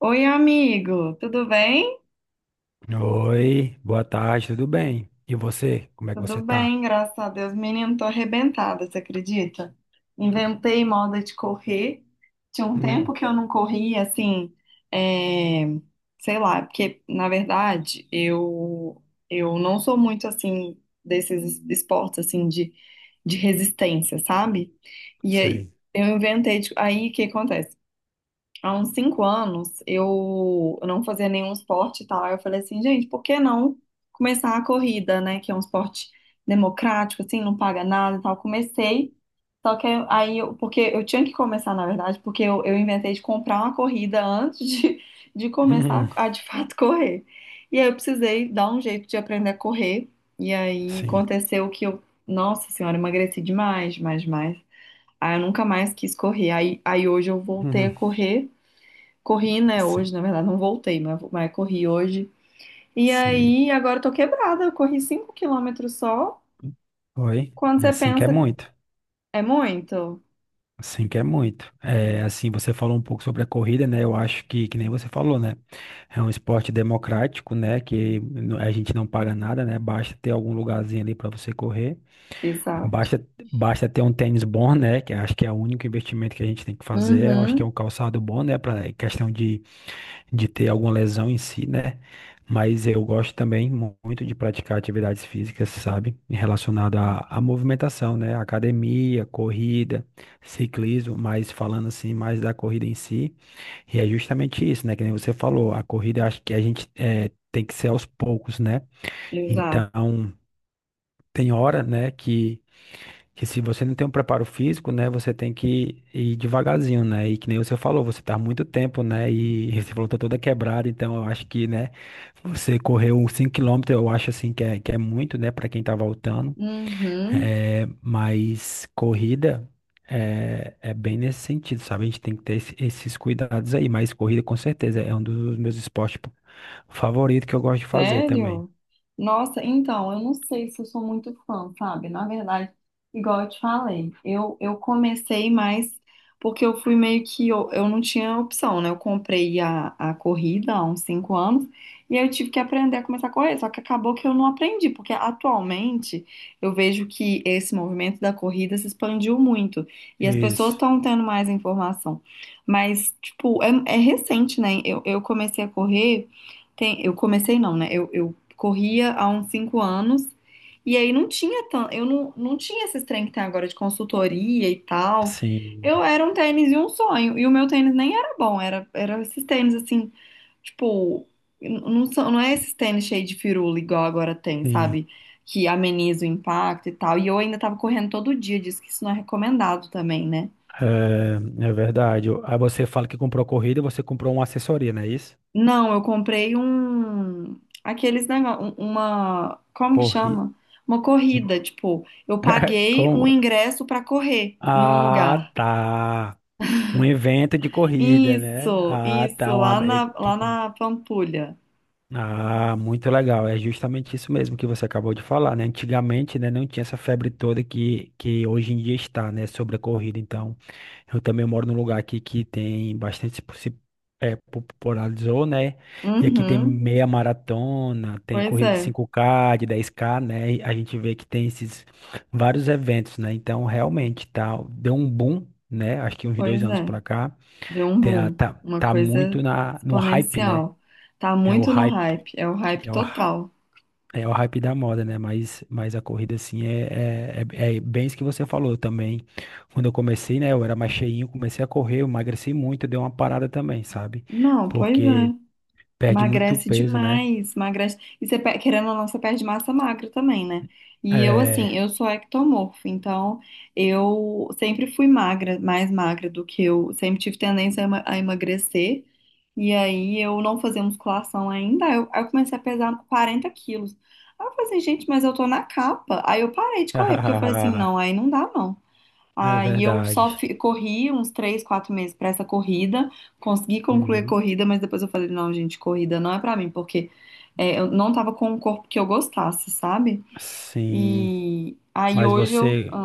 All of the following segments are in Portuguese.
Oi, amigo, tudo bem? Oi, boa tarde, tudo bem? E você, como é que você Tudo tá? bem, graças a Deus. Menino, tô arrebentada, você acredita? Inventei moda de correr. Tinha um Hum, tempo que eu não corria, assim, é, sei lá, porque, na verdade, eu não sou muito, assim, desses esportes, assim, de resistência, sabe? E aí, sei. eu inventei, aí, o que acontece? Há uns 5 anos eu não fazia nenhum esporte e tal. Aí eu falei assim, gente, por que não começar a corrida, né? Que é um esporte democrático, assim, não paga nada e tal. Comecei, só que porque eu tinha que começar, na verdade, porque eu inventei de comprar uma corrida antes de Hum, começar a de fato correr. E aí eu precisei dar um jeito de aprender a correr. E aí sim. aconteceu que nossa senhora, emagreci demais, demais, demais. Aí eu nunca mais quis correr. Aí hoje eu voltei a Hum, correr. Corri, né, sim, hoje, na verdade, não voltei, mas corri hoje. E sim. aí, agora eu tô quebrada, eu corri 5 quilômetros só. Oi. Quando É você assim que é pensa, muito. é muito? Assim que é muito. É, assim, você falou um pouco sobre a corrida, né? Eu acho que nem você falou, né? É um esporte democrático, né? A gente não paga nada, né? Basta ter algum lugarzinho ali para você correr. Exato. Basta, basta ter um tênis bom, né? Que acho que é o único investimento que a gente tem que fazer. Eu acho que é Uhum. um calçado bom, né? Para questão de ter alguma lesão em si, né? Mas eu gosto também muito de praticar atividades físicas, sabe? Relacionada à movimentação, né? Academia, corrida, ciclismo, mas falando assim mais da corrida em si. E é justamente isso, né? Que nem você falou, a corrida acho que a gente tem que ser aos poucos, né? Exato. Então, tem hora, né, que se você não tem um preparo físico, né, você tem que ir devagarzinho, né? E que nem você falou, você tá há muito tempo, né? E você falou, tá toda quebrada, então eu acho que, né, você correu uns 5 quilômetros, eu acho assim que é muito, né, para quem tá voltando. Uhum. É, mas corrida é, é bem nesse sentido, sabe? A gente tem que ter esses cuidados aí, mas corrida com certeza é um dos meus esportes favoritos que eu gosto de fazer também. Sério? Nossa, então, eu não sei se eu sou muito fã, sabe? Na verdade, igual eu te falei, eu comecei mais porque eu fui meio que. Eu não tinha opção, né? Eu comprei a corrida há uns 5 anos e aí eu tive que aprender a começar a correr. Só que acabou que eu não aprendi, porque atualmente eu vejo que esse movimento da corrida se expandiu muito e as pessoas Isso. estão tendo mais informação. Mas, tipo, é recente, né? Eu comecei a correr. Tem, eu comecei não, né? Eu corria há uns 5 anos e aí não tinha tanto, eu não, não tinha esses trem que tem agora de consultoria e tal. Sim, Eu era um tênis e um sonho. E o meu tênis nem era bom, era esses tênis assim, tipo, não, são, não é esses tênis cheio de firula igual agora tem, sim. sabe? Que ameniza o impacto e tal. E eu ainda tava correndo todo dia, diz que isso não é recomendado também, né? É, é verdade. Aí você fala que comprou corrida e você comprou uma assessoria, não é isso? Não, eu comprei um. Aqueles negócios. Uma. Como que Corrida. chama? Uma corrida. Tipo, eu paguei um Como? ingresso pra correr em um Ah, lugar. tá. Um evento de corrida, né? Isso, Ah, isso, tá. Uma... é que lá tem- na Pampulha. Ah, muito legal. É justamente isso mesmo que você acabou de falar, né? Antigamente, né, não tinha essa febre toda que hoje em dia está, né, sobre a corrida. Então, eu também moro num lugar aqui que tem bastante é, popularizou, né? E aqui tem Uhum. meia maratona, tem Pois corrida de é, 5K, de 10K, né? E a gente vê que tem esses vários eventos, né? Então, realmente, tá, deu um boom, né? Acho que uns dois pois anos é. pra cá. Deu um Tá, boom. tá, Uma tá coisa muito na, no hype, né? exponencial. Tá É o muito no hype. hype. É o hype É o, total. é o hype da moda, né? Mas a corrida, assim, é bem isso que você falou também. Quando eu comecei, né? Eu era mais cheinho, comecei a correr, eu emagreci muito, deu uma parada também, sabe? Não, pois Porque é. perde muito Emagrece peso, né? demais, emagrece. E você, querendo ou não, você perde massa magra também, né? E eu, assim, É. eu sou ectomorfo, então eu sempre fui magra, mais magra do que eu. Sempre tive tendência a a emagrecer. E aí eu não fazia musculação ainda. Aí eu comecei a pesar 40 quilos. Aí eu falei assim, gente, mas eu tô na capa. Aí eu parei de correr, porque eu falei assim, não, aí não dá, não. É Aí eu verdade. Corri uns três, quatro meses pra essa corrida, consegui concluir a Uhum. corrida, mas depois eu falei, não, gente, corrida não é pra mim, porque eu não tava com um corpo que eu gostasse, sabe? Sim. E aí Mas hoje eu. você,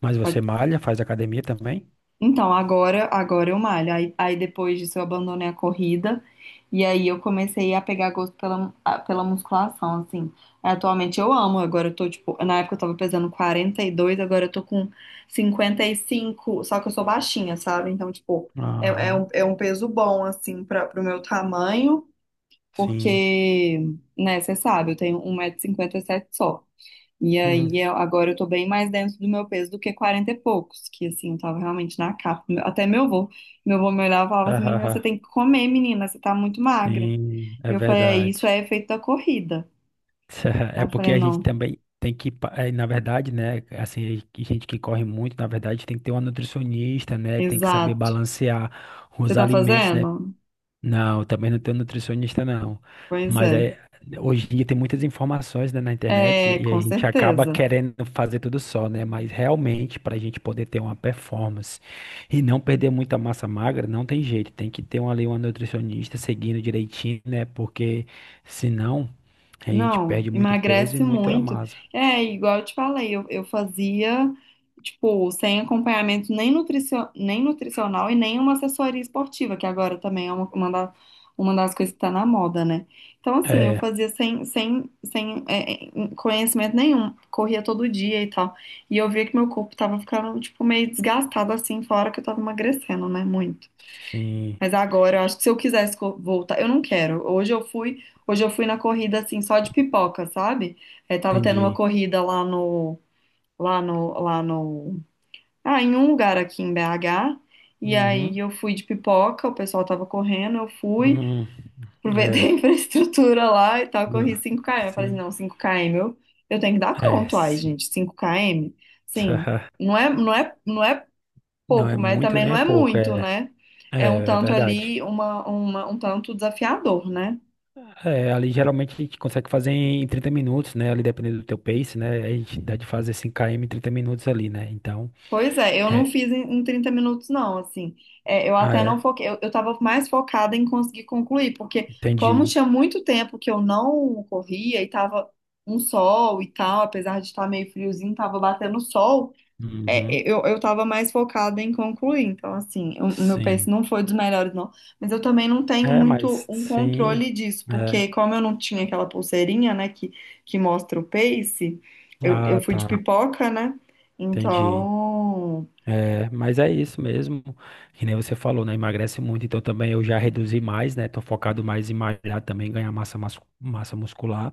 mas você Pode malha, faz academia também? então, agora, agora eu malho. Aí depois disso eu abandonei a corrida e aí eu comecei a pegar gosto pela, pela musculação, assim. Atualmente eu amo, agora eu tô, tipo, na época eu tava pesando 42, agora eu tô com 55, só que eu sou baixinha, sabe? Então, tipo, Aham. É um peso bom, assim, pro meu tamanho, Sim. porque, né, você sabe, eu tenho 1,57 m só. E Uhum. aí, agora eu tô bem mais dentro do meu peso do que 40 e poucos, que assim, eu tava realmente na capa. Até meu avô me olhava e falava assim, menina, você tem que comer, menina, você tá muito magra. Sim, E é eu falei, é, isso verdade. é efeito da corrida. Aí É eu porque falei, a gente não, também tem que, na verdade, né, assim, que gente que corre muito, na verdade, tem que ter uma nutricionista, né, tem que saber exato. balancear Você os tá alimentos, né, fazendo? não, também não tenho nutricionista, não. Pois Mas é. é, hoje em dia tem muitas informações, né, na internet É, e a com gente acaba certeza. querendo fazer tudo só, né? Mas realmente, para a gente poder ter uma performance e não perder muita massa magra, não tem jeito. Tem que ter uma, ali uma nutricionista seguindo direitinho, né? Porque senão a gente Não, perde muito peso e emagrece muita muito. massa. É, igual eu te falei, eu fazia, tipo, sem acompanhamento nem nutricional e nem uma assessoria esportiva, que agora também é uma das coisas que tá na moda, né? Então, assim, eu É, fazia sem é, conhecimento nenhum, corria todo dia e tal. E eu via que meu corpo tava ficando, tipo, meio desgastado, assim, fora que eu tava emagrecendo, né? Muito. sim, Mas agora eu acho que se eu voltar, eu não quero. Hoje eu fui na corrida assim só de pipoca, sabe? É, tava tendo uma entendi. corrida lá no, ah, em um lugar aqui em BH. E aí Uhum, eu fui de pipoca, o pessoal tava correndo, eu fui, uhum, aproveitei a é, infraestrutura lá e tal, não, corri cinco km. Eu falei assim, sim, não, eu tenho que dar é, conta, ai, sim. gente, cinco km. Sim, não é Não é pouco, mas muito, também nem não é é pouco, muito, é, né? é, É um é tanto verdade. ali, um tanto desafiador, né? É, ali geralmente a gente consegue fazer em 30 minutos, né? Ali dependendo do teu pace, né? A gente dá de fazer 5 km em 30 minutos ali, né? Então, Pois é, eu não é, fiz em 30 minutos, não, assim. É, eu ah, até não é, foquei, eu tava mais focada em conseguir concluir, porque como entendi. tinha muito tempo que eu não corria e tava um sol e tal, apesar de estar meio friozinho, tava batendo sol, Uhum, eu tava mais focada em concluir, então assim, o meu pace sim. não foi dos melhores, não. Mas eu também não tenho É, muito mas um sim, controle disso, é. porque como eu não tinha aquela pulseirinha, né, que mostra o pace, eu Ah, fui de tá, pipoca, né? entendi. Então, É, mas é isso mesmo, que nem você falou, né? Emagrece muito, então também eu já reduzi mais, né? Tô focado mais em malhar também, ganhar massa, massa muscular.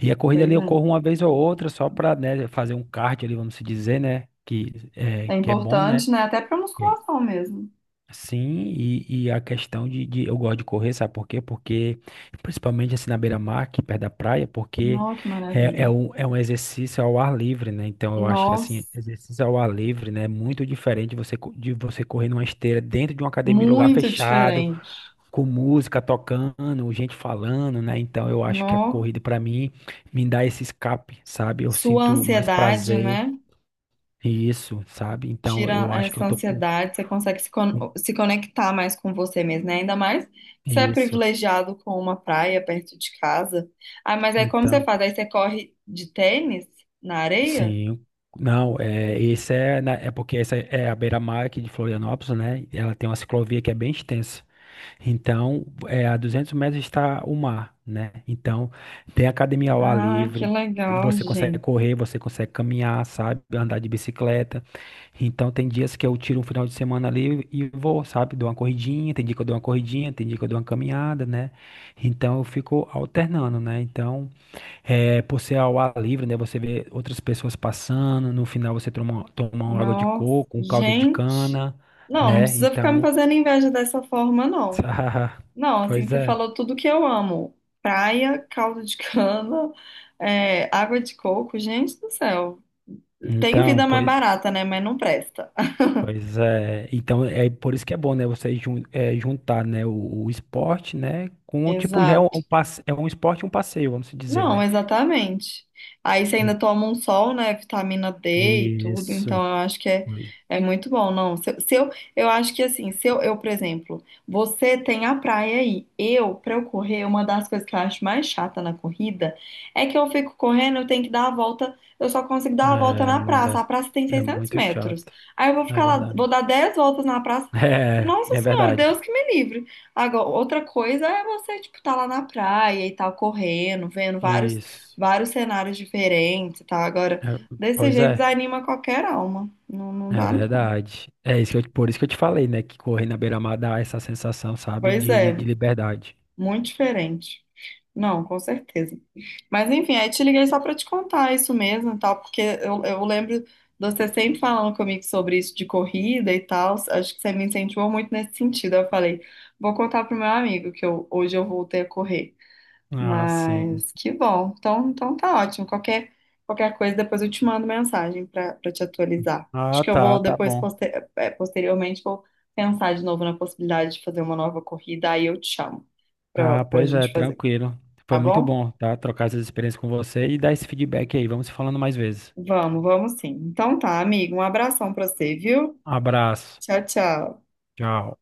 E a corrida ali pois eu é. corro uma vez ou outra, só pra, né, fazer um cardio ali, vamos se dizer, né? É Que é bom, né? importante, né? Até pra musculação mesmo. Sim, e a questão eu gosto de correr, sabe por quê? Porque, principalmente assim na beira-mar, aqui perto da praia, porque Nó, que é, é, maravilha. um, é um exercício ao ar livre, né? Então eu acho que assim, Nossa, exercício ao ar livre, né? É muito diferente você, de você correr numa esteira dentro de uma academia, em lugar muito fechado, diferente. com música tocando, gente falando, né? Então eu acho que a Nó, corrida pra mim me dá esse escape, sabe? Eu sua sinto mais ansiedade, prazer, né? isso, sabe? Então Tira eu acho que eu essa tô com ansiedade, você consegue com se conectar mais com você mesmo, né? Ainda mais se é isso. privilegiado com uma praia perto de casa. Ah, mas aí como você Então. faz? Aí você corre de tênis na areia? Sim, não, é, é porque essa é a beira-mar aqui de Florianópolis, né? Ela tem uma ciclovia que é bem extensa. Então, é, a 200 metros está o mar, né? Então, tem academia ao ar Ah, que livre, legal, você consegue gente. correr, você consegue caminhar, sabe? Andar de bicicleta. Então, tem dias que eu tiro um final de semana ali e vou, sabe? Dou uma corridinha, tem dia que eu dou uma corridinha, tem dia que eu dou uma caminhada, né? Então, eu fico alternando, né? Então. É, por ser ao ar livre, né? Você vê outras pessoas passando, no final você toma uma água de Nossa, coco, um caldo de gente. cana, Não, não né? precisa ficar me Então, fazendo inveja dessa forma, não. Não, assim, pois você é. falou tudo que eu amo. Praia, caldo de cana, água de coco, gente do céu. Tem Então, vida mais pois, barata, né? Mas não presta. pois é. Então, é por isso que é bom, né? Você juntar, né? O esporte, né? Com, o tipo, já é um, Exato. um é um esporte e um passeio, vamos dizer, Não, né? exatamente. Aí você Hum. ainda toma um sol, né? Vitamina D e tudo, então Isso. eu acho que é, Pois- é muito bom. Não, se, eu, se eu Eu acho que assim, se eu, eu, por exemplo, você tem a praia aí. Eu, pra eu correr, uma das coisas que eu acho mais chata na corrida é que eu fico correndo, eu tenho que dar a volta, eu só consigo dar a volta É, na praça. A praça tem é é seiscentos muito metros. chato. Aí eu vou É ficar lá, vou dar verdade. 10 voltas na praça. É, Nossa é Senhora, Deus verdade. que me livre. Agora, outra coisa é você, tipo, tá lá na praia e tal, correndo, vendo vários, Isso. vários cenários diferentes e tal. Agora, É, desse pois jeito é, desanima qualquer alma. Não, não é dá, não. verdade. É isso que eu- por isso que eu te falei, né? Que correr na beira-mar dá essa sensação, sabe, Pois de, é, de liberdade. muito diferente. Não, com certeza. Mas enfim, aí te liguei só pra te contar isso mesmo e tal, porque eu lembro de você sempre falando comigo sobre isso de corrida e tal. Acho que você me incentivou muito nesse sentido. Eu falei, vou contar pro meu amigo que eu, hoje eu voltei a correr. Ah, sim. Mas que bom. Então, então tá ótimo. Qualquer, qualquer coisa, depois eu te mando mensagem para te atualizar. Acho Ah, que eu tá, vou tá depois, bom. Posteriormente, vou pensar de novo na possibilidade de fazer uma nova corrida, aí eu te chamo Ah, para a pois é, gente fazer, tranquilo. Foi tá muito bom? bom, tá? Trocar essas experiências com você e dar esse feedback aí. Vamos se falando mais vezes. Vamos, vamos sim. Então tá, amigo. Um abração para você, viu? Abraço. Tchau, tchau. Tchau.